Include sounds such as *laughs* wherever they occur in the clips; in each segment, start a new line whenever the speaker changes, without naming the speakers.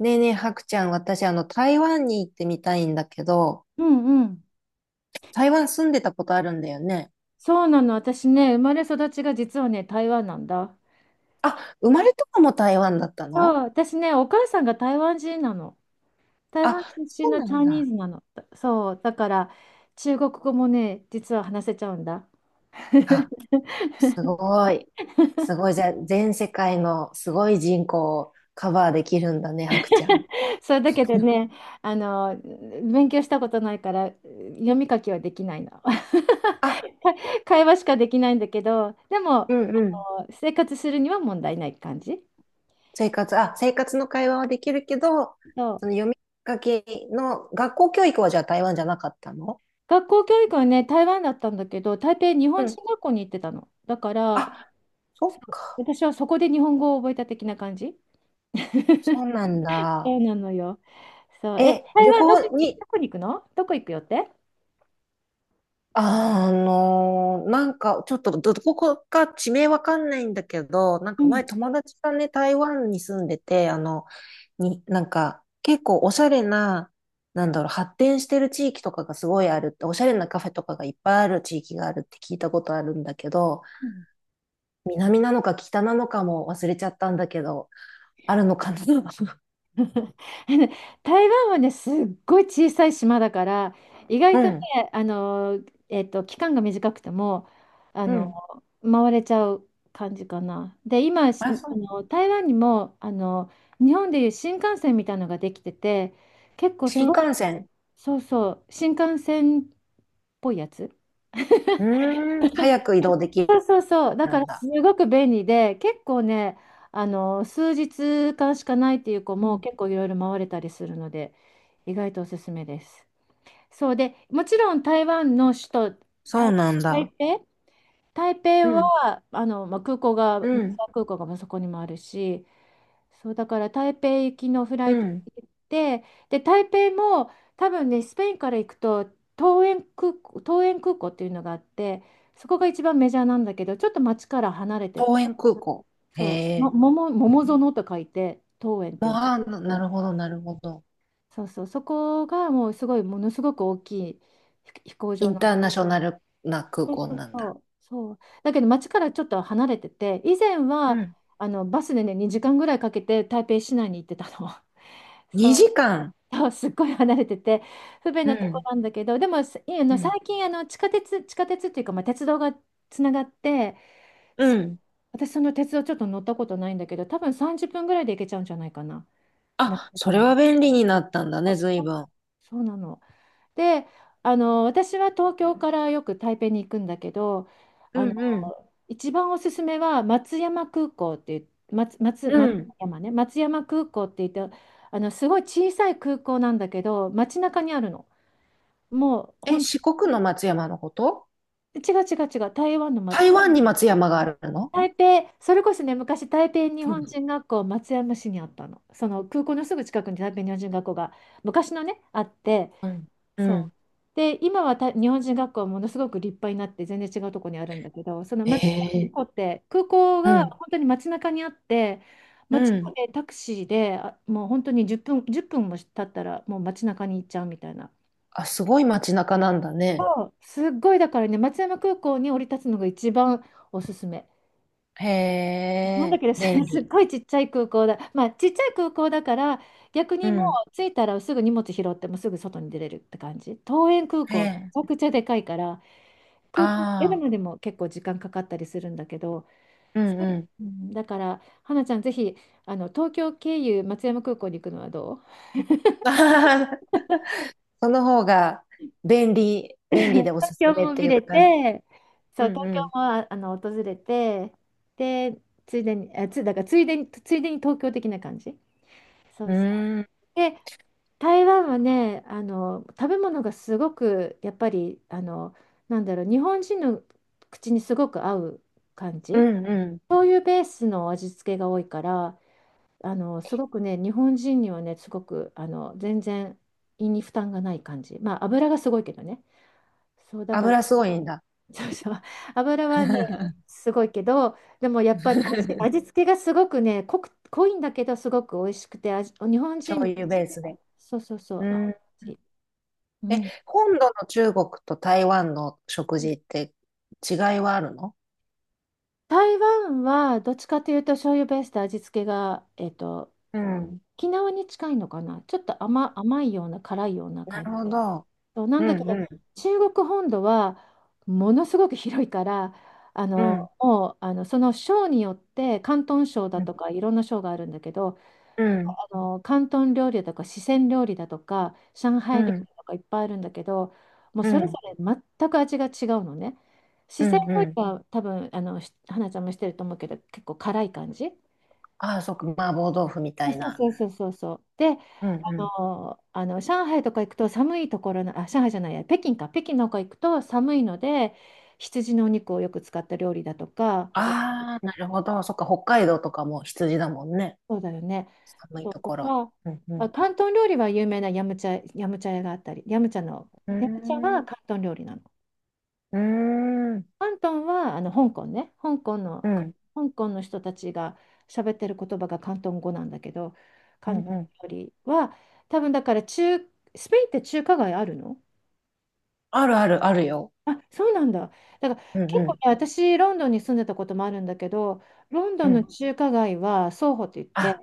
ねえねえ、はくちゃん、私、台湾に行ってみたいんだけど、
うんうん。
台湾住んでたことあるんだよね。
そうなの。私ね、生まれ育ちが実はね、台湾なんだ。
あ、生まれとかも台湾だった
そう、
の？
私ね、お母さんが台湾人なの。台湾
あ、
出身
そう
の
な
チャ
ん
イニー
だ。
ズなの。だそう、だから中国語もね、実は話せちゃうんだ。
あ、すごい。すごい。じゃあ、全世界のすごい人口をカバーできるんだね、はくちゃん。
*laughs* それだけで
*laughs*
ね、勉強したことないから、読み書きはできないの。
あ、
*laughs* 会話しかできないんだけど、で
う
も、
んうん。
生活するには問題ない感じ。
生活の会話はできるけど、
そ
そ
う。
の読み書きの学校教育はじゃあ台湾じゃなかったの？
学校教育はね、台湾だったんだけど、台北日
う
本
ん。
人学校に行ってたの。だから、
あ、
そ
そっ
う、
か。
私はそこで日本語を覚えた的な感じ。
そうなんだ。
そうなのよ。そう。
え、
台
旅
湾どこ、
行に、
どこに行くの、どこ行くよって。
なんか、ちょっとどこか地名わかんないんだけど、なん
う
か前
ん。
友達がね、台湾に住んでて、に、なんか、結構おしゃれな、なんだろう、発展してる地域とかがすごいあるって、おしゃれなカフェとかがいっぱいある地域があるって聞いたことあるんだけど、
うん
南なのか北なのかも忘れちゃったんだけど、あるのかな？ *laughs*
*laughs* あの台湾はね、すっごい小さい島だから、意
う
外とね、
ん、
あの、期間が短くても、あ
う
の、
ん。
回れちゃう感じかな。で、今、し
あ、そ
あ
う。
の、台湾にも、日本でいう新幹線みたいなのができてて、結構す
新
ごい、
幹線。
そうそう、新幹線っぽいやつ。
うーん、早く移動でき
そうそうそう。だ
る
か
ん
らす
だ。
ごく便利で、結構ね、数日間しかないっていう子
う
も
ん、
結構いろいろ回れたりするので、意外とおすすめです。そうで、もちろん台湾の首都、
そう
台、
なん
台
だ。
北、台
う
北
ん、
は、まあ、
うん、
空港がまあそこにもあるし、そうだから台北行きのフラ
う
イト
ん。
で行って、で台北も、多分ねスペインから行くと桃園空港、桃園空港っていうのがあって、そこが一番メジャーなんだけどちょっと街から離れて、
桃園空港。へ
そうも
え。
桃園と書いて桃園って
も
い
う、
う、
な
そ
るほど、なるほど。
うそう、そこがもうすごい、ものすごく大きい飛行
イ
場
ン
な
ター
の。
ナショナルな空
そう
港
そう
なん
そ
だ。
うそう。だけど街からちょっと離れてて、以前
う
は
ん、
あのバスでね2時間ぐらいかけて台北市内に行ってたの。*laughs* そう。
2時間。
*laughs* そうすっごい離れてて不便
う
なとこ
ん。
なんだけど、でもすあ
う
の最
ん、
近あの地下鉄、地下鉄っていうか、まあ、鉄道がつながって、
うん、
私その鉄道ちょっと乗ったことないんだけど、多分30分ぐらいで行けちゃうんじゃないかな、まあ、
あ、
そ
そ
う、
れは便利になったんだね、随分。
そうなの。で、あの私は東京からよく台北に行くんだけど、
う
あの
ん、うん、
一番おすすめは松山空港っていう、
う
松
ん。
山ね、松山空港って言って、あのすごい小さい空港なんだけど街中にあるの。もう
え、
本
四国の松山のこと？
違う違う違う、台湾の、
台湾に松山があるの？
台北、それこそね、昔、台北日
う
本
ん、
人学校、松山市にあったの。その空港のすぐ近くに台北日本人学校が昔のね、あって、
うん、う
そう。
ん、
で、今は日本人学校はものすごく立派になって、全然違うところにあるんだけど、その
へ
松山空
え。
港って、空港
う
が
ん、
本当に街中にあって、
う
街ま
ん、
でタクシーで、もう本当に10分、1分も経ったら、もう街中に行っちゃうみたいな。
あ、すごい街中なんだね。
そうすっごい、だからね、松山空港に降り立つのが一番おすすめ。
へ
なんだっ
え、
けですね、
便
*laughs* すっ
利。
ごいちっちゃい空港だ。まあ、ちっちゃい空港だから、逆
う
にも
ん。
う着いたらすぐ荷物拾ってもうすぐ外に出れるって感じ。桃園空
え
港、め
え。
ちゃくちゃでかいから、空港出る
ああ。
のでも結構時間かかったりするんだけど、
うんうん。
うん、だから、花ちゃん、ぜひ、あの、東京経由松山空港に行くのはどう。
*laughs* その方が便利、便利でおす
東
す
京
めっ
も
て
見
いう
れ
か、う
て、そう、
ん
東京
うん。
もあの訪れて、で、ついでに、だからついでに、ついでに東京的な感じ。そ
う
うそう。
ーん、
で台湾はね、あの食べ物がすごくやっぱりあの、なんだろう、日本人の口にすごく合う感
う
じ、
んうん。
そういうベースの味付けが多いから、あのすごくね日本人にはねすごくあの全然胃に負担がない感じ。まあ油がすごいけどね、そうだから。
油すごいんだ。
*laughs* そうそう、油はね
*laughs*
すごいけど、でもやっぱり味付けがすごくね濃いんだけどすごく美味しくて、日本
醤
人
油ベースで。
そうそうそ
う
う合う感
ん。
じ。う
え、
ん。
本土の中国と台湾の食事って違いはあるの？
台湾はどっちかというと醤油ベースで味付けが、えっと、
うん。
沖縄に近いのかな。ちょっと甘いような辛いような
な
感
るほ
じ。
ど。
そうな
う
んだけ
んう
ど、
ん
中国本土はものすごく広いから、あ
う
の
ん
もうあのその省によって、広東省だと
う
かいろんな省があるんだけど、
んうん
あの広東料理だとか四川料理だとか上
う
海料
ん
理とかいっぱいあるんだけど、もうそれぞれ全く味が違うのね。
う
四川
ん
料
う
理
ん。
は多分あのし花ちゃんもしてると思うけど結構辛い感じ。
ああ、そっか、麻婆豆腐みた
そ
い
う
な。
そうそうそうそう。で、
うん
あ
うん、
のあの上海とか行くと寒いところの、上海じゃないや、北京か、北京の方行くと寒いので、羊のお肉をよく使った料理だとか、
ああ、なるほど。そっか、北海道とかも羊だもんね。
そうだよね。
寒い
そ
と
うと
ころ。
か、
うんう
あ、
ん。
広東料理は有名なヤムチャ、ヤムチャ屋があったり、ヤムチャの、
うー
ヤムチャは広
ん。
東料理なの。
うーん。
広東はあの香港ね、
うん。
香港の人たちが喋ってる言葉が広東語なんだけど、
うん
広
う
東
ん。
料理は多分、だから中、スペインって中華街あるの。
あるあるあるよ。
あ、そうなんだ。だから
うんう
結構ね、
ん。
私、ロンドンに住んでたこともあるんだけど、ロンド
う
ンの
ん。
中華街はソーホといって、
あ、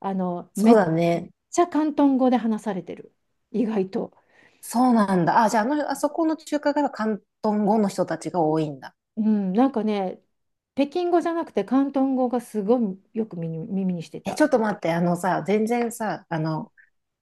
あの、
そう
めち
だね。
ゃ広東語で話されてる。意外と。
そうなんだ。あ、じゃあ、あそこの中華街は広東語の人たちが多いんだ。
うん、なんかね、北京語じゃなくて広東語がすごいよく耳にして
え、
た。
ちょっと待って。あのさ、全然さ、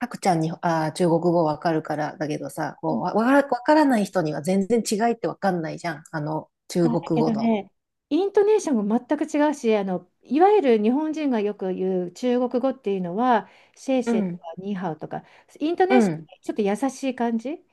たくちゃんに、中国語わかるからだけどさ、
う
こ
ん。
う、わからない人には全然違いってわかんないじゃん。
あ、
中
だ
国
け
語
ど
の。
ね、イントネーションも全く違うし、あの、いわゆる日本人がよく言う中国語っていうのは、シェイ
う
シェイと
ん。
かニーハオとか、イントネ
う
ーション
ん。
がちょっと優しい感じ。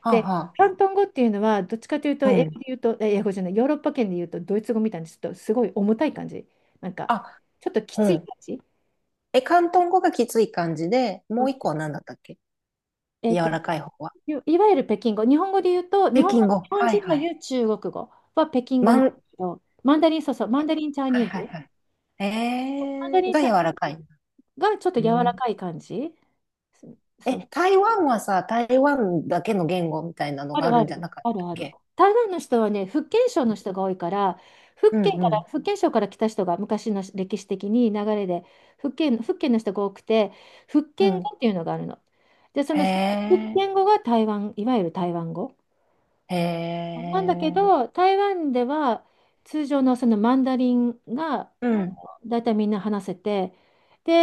はあ
で、
は
広東語っていうのは、どっちかというと、
あ。う
英
ん。
語で言うと、え英語じゃない、ヨーロッパ圏で言うと、ドイツ語みたいにちょっとすごい重たい感じ。なんか、
あ、
ちょっとき
う
つい
ん。
感じ。
え、広東語がきつい感じで、
そ
も
う
う一
そ
個は
う、
何だったっけ？
え
柔
っ
ら
と、
かい方は？
いわゆる北京語、日本語で言うと、日
北
本語、
京語。
日本
はい
人
は
が
い。
言う中国語は北京語なんで
は
すけど、マンダリン、そうそう、マンダリンチャイ
い
ニー
はい
ズ、
はい。
マンダリン
が
チ
柔
ャ
らかい。
がちょっと
う
柔ら
ん。
かい感じ、そそう、
え、台湾はさ、台湾だけの言語みたいなの
あ
があ
る
る
あ
んじゃ
る、
なかっ
ある
たっ
ある。
け？
台湾の人はね、福建省の人が多いから、
うん
福建省から来た人が昔の歴史的に流れで、福建の人が多くて、福
う
建
ん。うん。
語っていうのがあるの。で、そ
へ
の福
え、
建語が台湾、いわゆる台湾語。
へ
なんだけ
え、
ど、台湾では通常のそのマンダリンが
うん、
だいたいみんな話せて、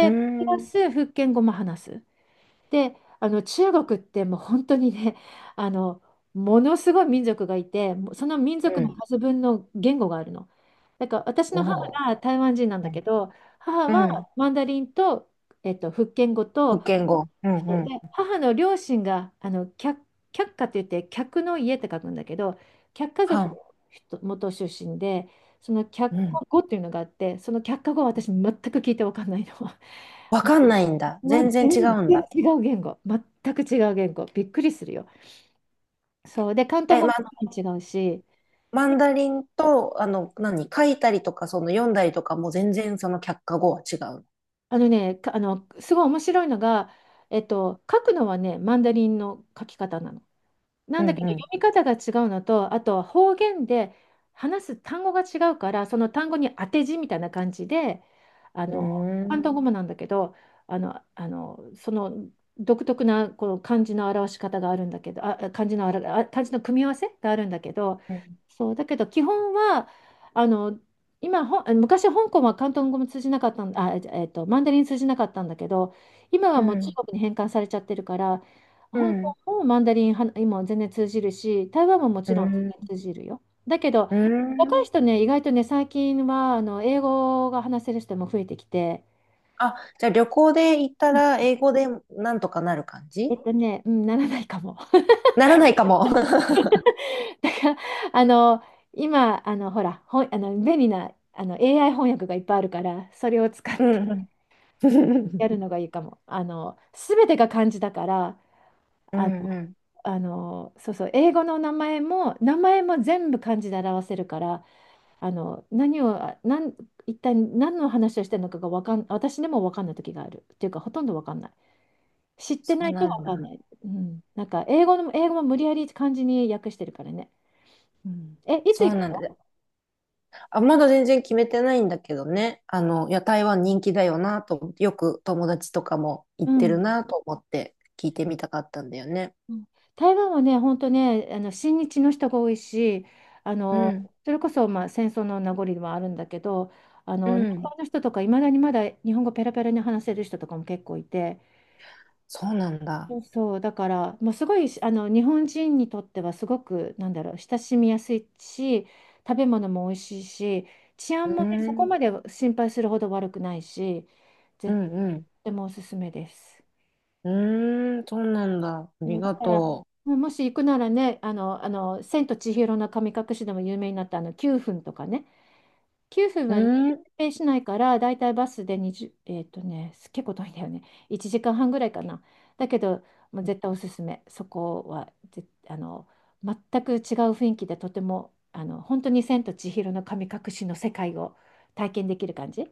う
プラ
ん、
ス福建語も話す。で、あの中国ってもう本当にね、*laughs* あの、ものすごい民族がいて、もうその民族
う
の
ん。
数分の言語があるの。だから私
お
の母
お、
が台湾人なん
う
だけ
ん、
ど、母
う
は
ん。
マンダリンと、えっと、福建語
福
と、
建語。うんう
で、
ん。
母の両親が、あの、客家って言って、客の家って書くんだけど、客家
は
族の
ん。
人元出身で、その客
う
家
ん。
語っていうのがあって、その客家語は私全く聞いて分かんないの。
わ
*laughs*
かんないんだ。
もうも
全
う
然
全
違うん
然
だ。
違う言語、全く違う言語、びっくりするよ。そうで、広東
え、
語
ま
も
あ、あの
違うし、
マンダリンと、何、書いたりとか、その読んだりとかも全然その却下語は違う。
あのね、かあのすごい面白いのが、えっと、書くのはね、マンダリンの書き方なの。な
う
んだけど
ん
読み方が違うのと、あとは方言で話す単語が違うから、その単語に当て字みたいな感じで、あ
う
の、
ん。うー
広
ん。
東語もなんだけど、その独特なこの漢字の表し方があるんだけど、あ、漢字の表、あ、漢字の組み合わせがあるんだけど、
うん。
そう、だけど基本は、あの、今、昔香港は広東語も通じなかったん、マンダリン通じなかったんだけど、今
う
はもう中
ん。
国に返還されちゃってるから、香もうマンダリンは今全然通じるし、台湾もも
う
ちろん
ん。
全然通じるよ。だけど、
う
若い
ん。
人ね、意外とね、最近はあの英語が話せる人も増えてきて、
あ、じゃあ旅行で行った
うん
ら英語でなんとかなる感じ？
うん、ならないかも。
ならないかも。*laughs*
*laughs* だから、あの、今、ほら、ほん、あの、便利な、AI 翻訳がいっぱいあるから、それを使っ
う
て
んうん。
やる
*laughs*
のがいいかも。あの、すべてが漢字だから、
う
あ
ん
の、
うん。
そうそう、英語の名前も、名前も全部漢字で表せるから、あの何をあなん一体何の話をしてるのかがわかん私でも分かんない時があるっていうかほとんど分かんない知って
そ
な
う
いと
なん
分
だ。
かんない、うん、なんか英語の英語も無理やり漢字に訳してるからね、うん、えいつ
そ
行
う
く
なんだ。
の、
あ、まだ全然決めてないんだけどね。いや、台湾人気だよなと思って、よく友達とかも
う
行って
ん
るなと思って聞いてみたかったんだよね。
うん台湾はね本当ね親日の人が多いしあ
う
の
ん、
それこそ、まあ、戦争の名残ではあるんだけど
う
南
ん。
方の人とかいまだにまだ日本語ペラペラに話せる人とかも結構いて
そうなんだ。
そう、だから、もうすごい日本人にとってはすごく、なんだろう、親しみやすいし、食べ物も美味しいし、治
う
安もね、そ
ー
こ
ん、
まで心配するほど悪くないし、
う
絶
ん、うん。
対もおすすめです。
うーん、そうなんだ。あ
そ
り
うだ
が
から、
と
もし行くならね、千と千尋の神隠しでも有名になったあの9分とかね、9分
う。
はね、
うーん、
指定しないから、だいたいバスで20、結構遠いんだよね。1時間半ぐらいかな。だけど、もう絶対おすすめ。そこはぜ、あの、全く違う雰囲気で、とても、本当に千と千尋の神隠しの世界を体験できる感じ。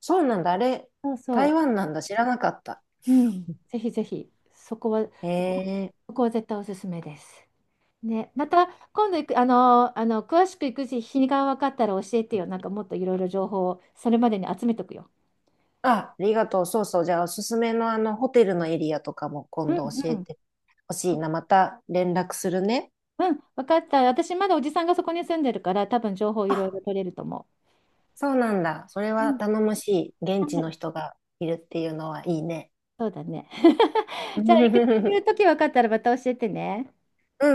そうなんだ。あれ、
そうそ
台
う。
湾なんだ。知らなかった。
うん。ぜひぜひ、
へえ。
そこは絶対おすすめです。ね、また今度行く、あの、あの詳しく行く日にが分かったら教えてよ。なんかもっといろいろ情報をそれまでに集めとくよ。
あ、ありがとう。そうそう。じゃあ、おすすめのホテルのエリアとかも
う
今
ん
度教え
うん。
てほしいな。また連絡するね。
うん、分かった。私、まだおじさんがそこに住んでるから、多分情報いろい
あ、
ろ取れると思
そうなんだ。それ
う。う
は
ん。
頼もしい。現地
は
の
い、
人がいるっていうのはいいね。
そうだね。*laughs* じゃあ、行く行
*laughs*
く時分かったらまた教えてね。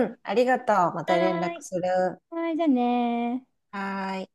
うん、ありがとう。ま
は
た連絡
ーい。
する。
はーい、じゃあねー
はーい。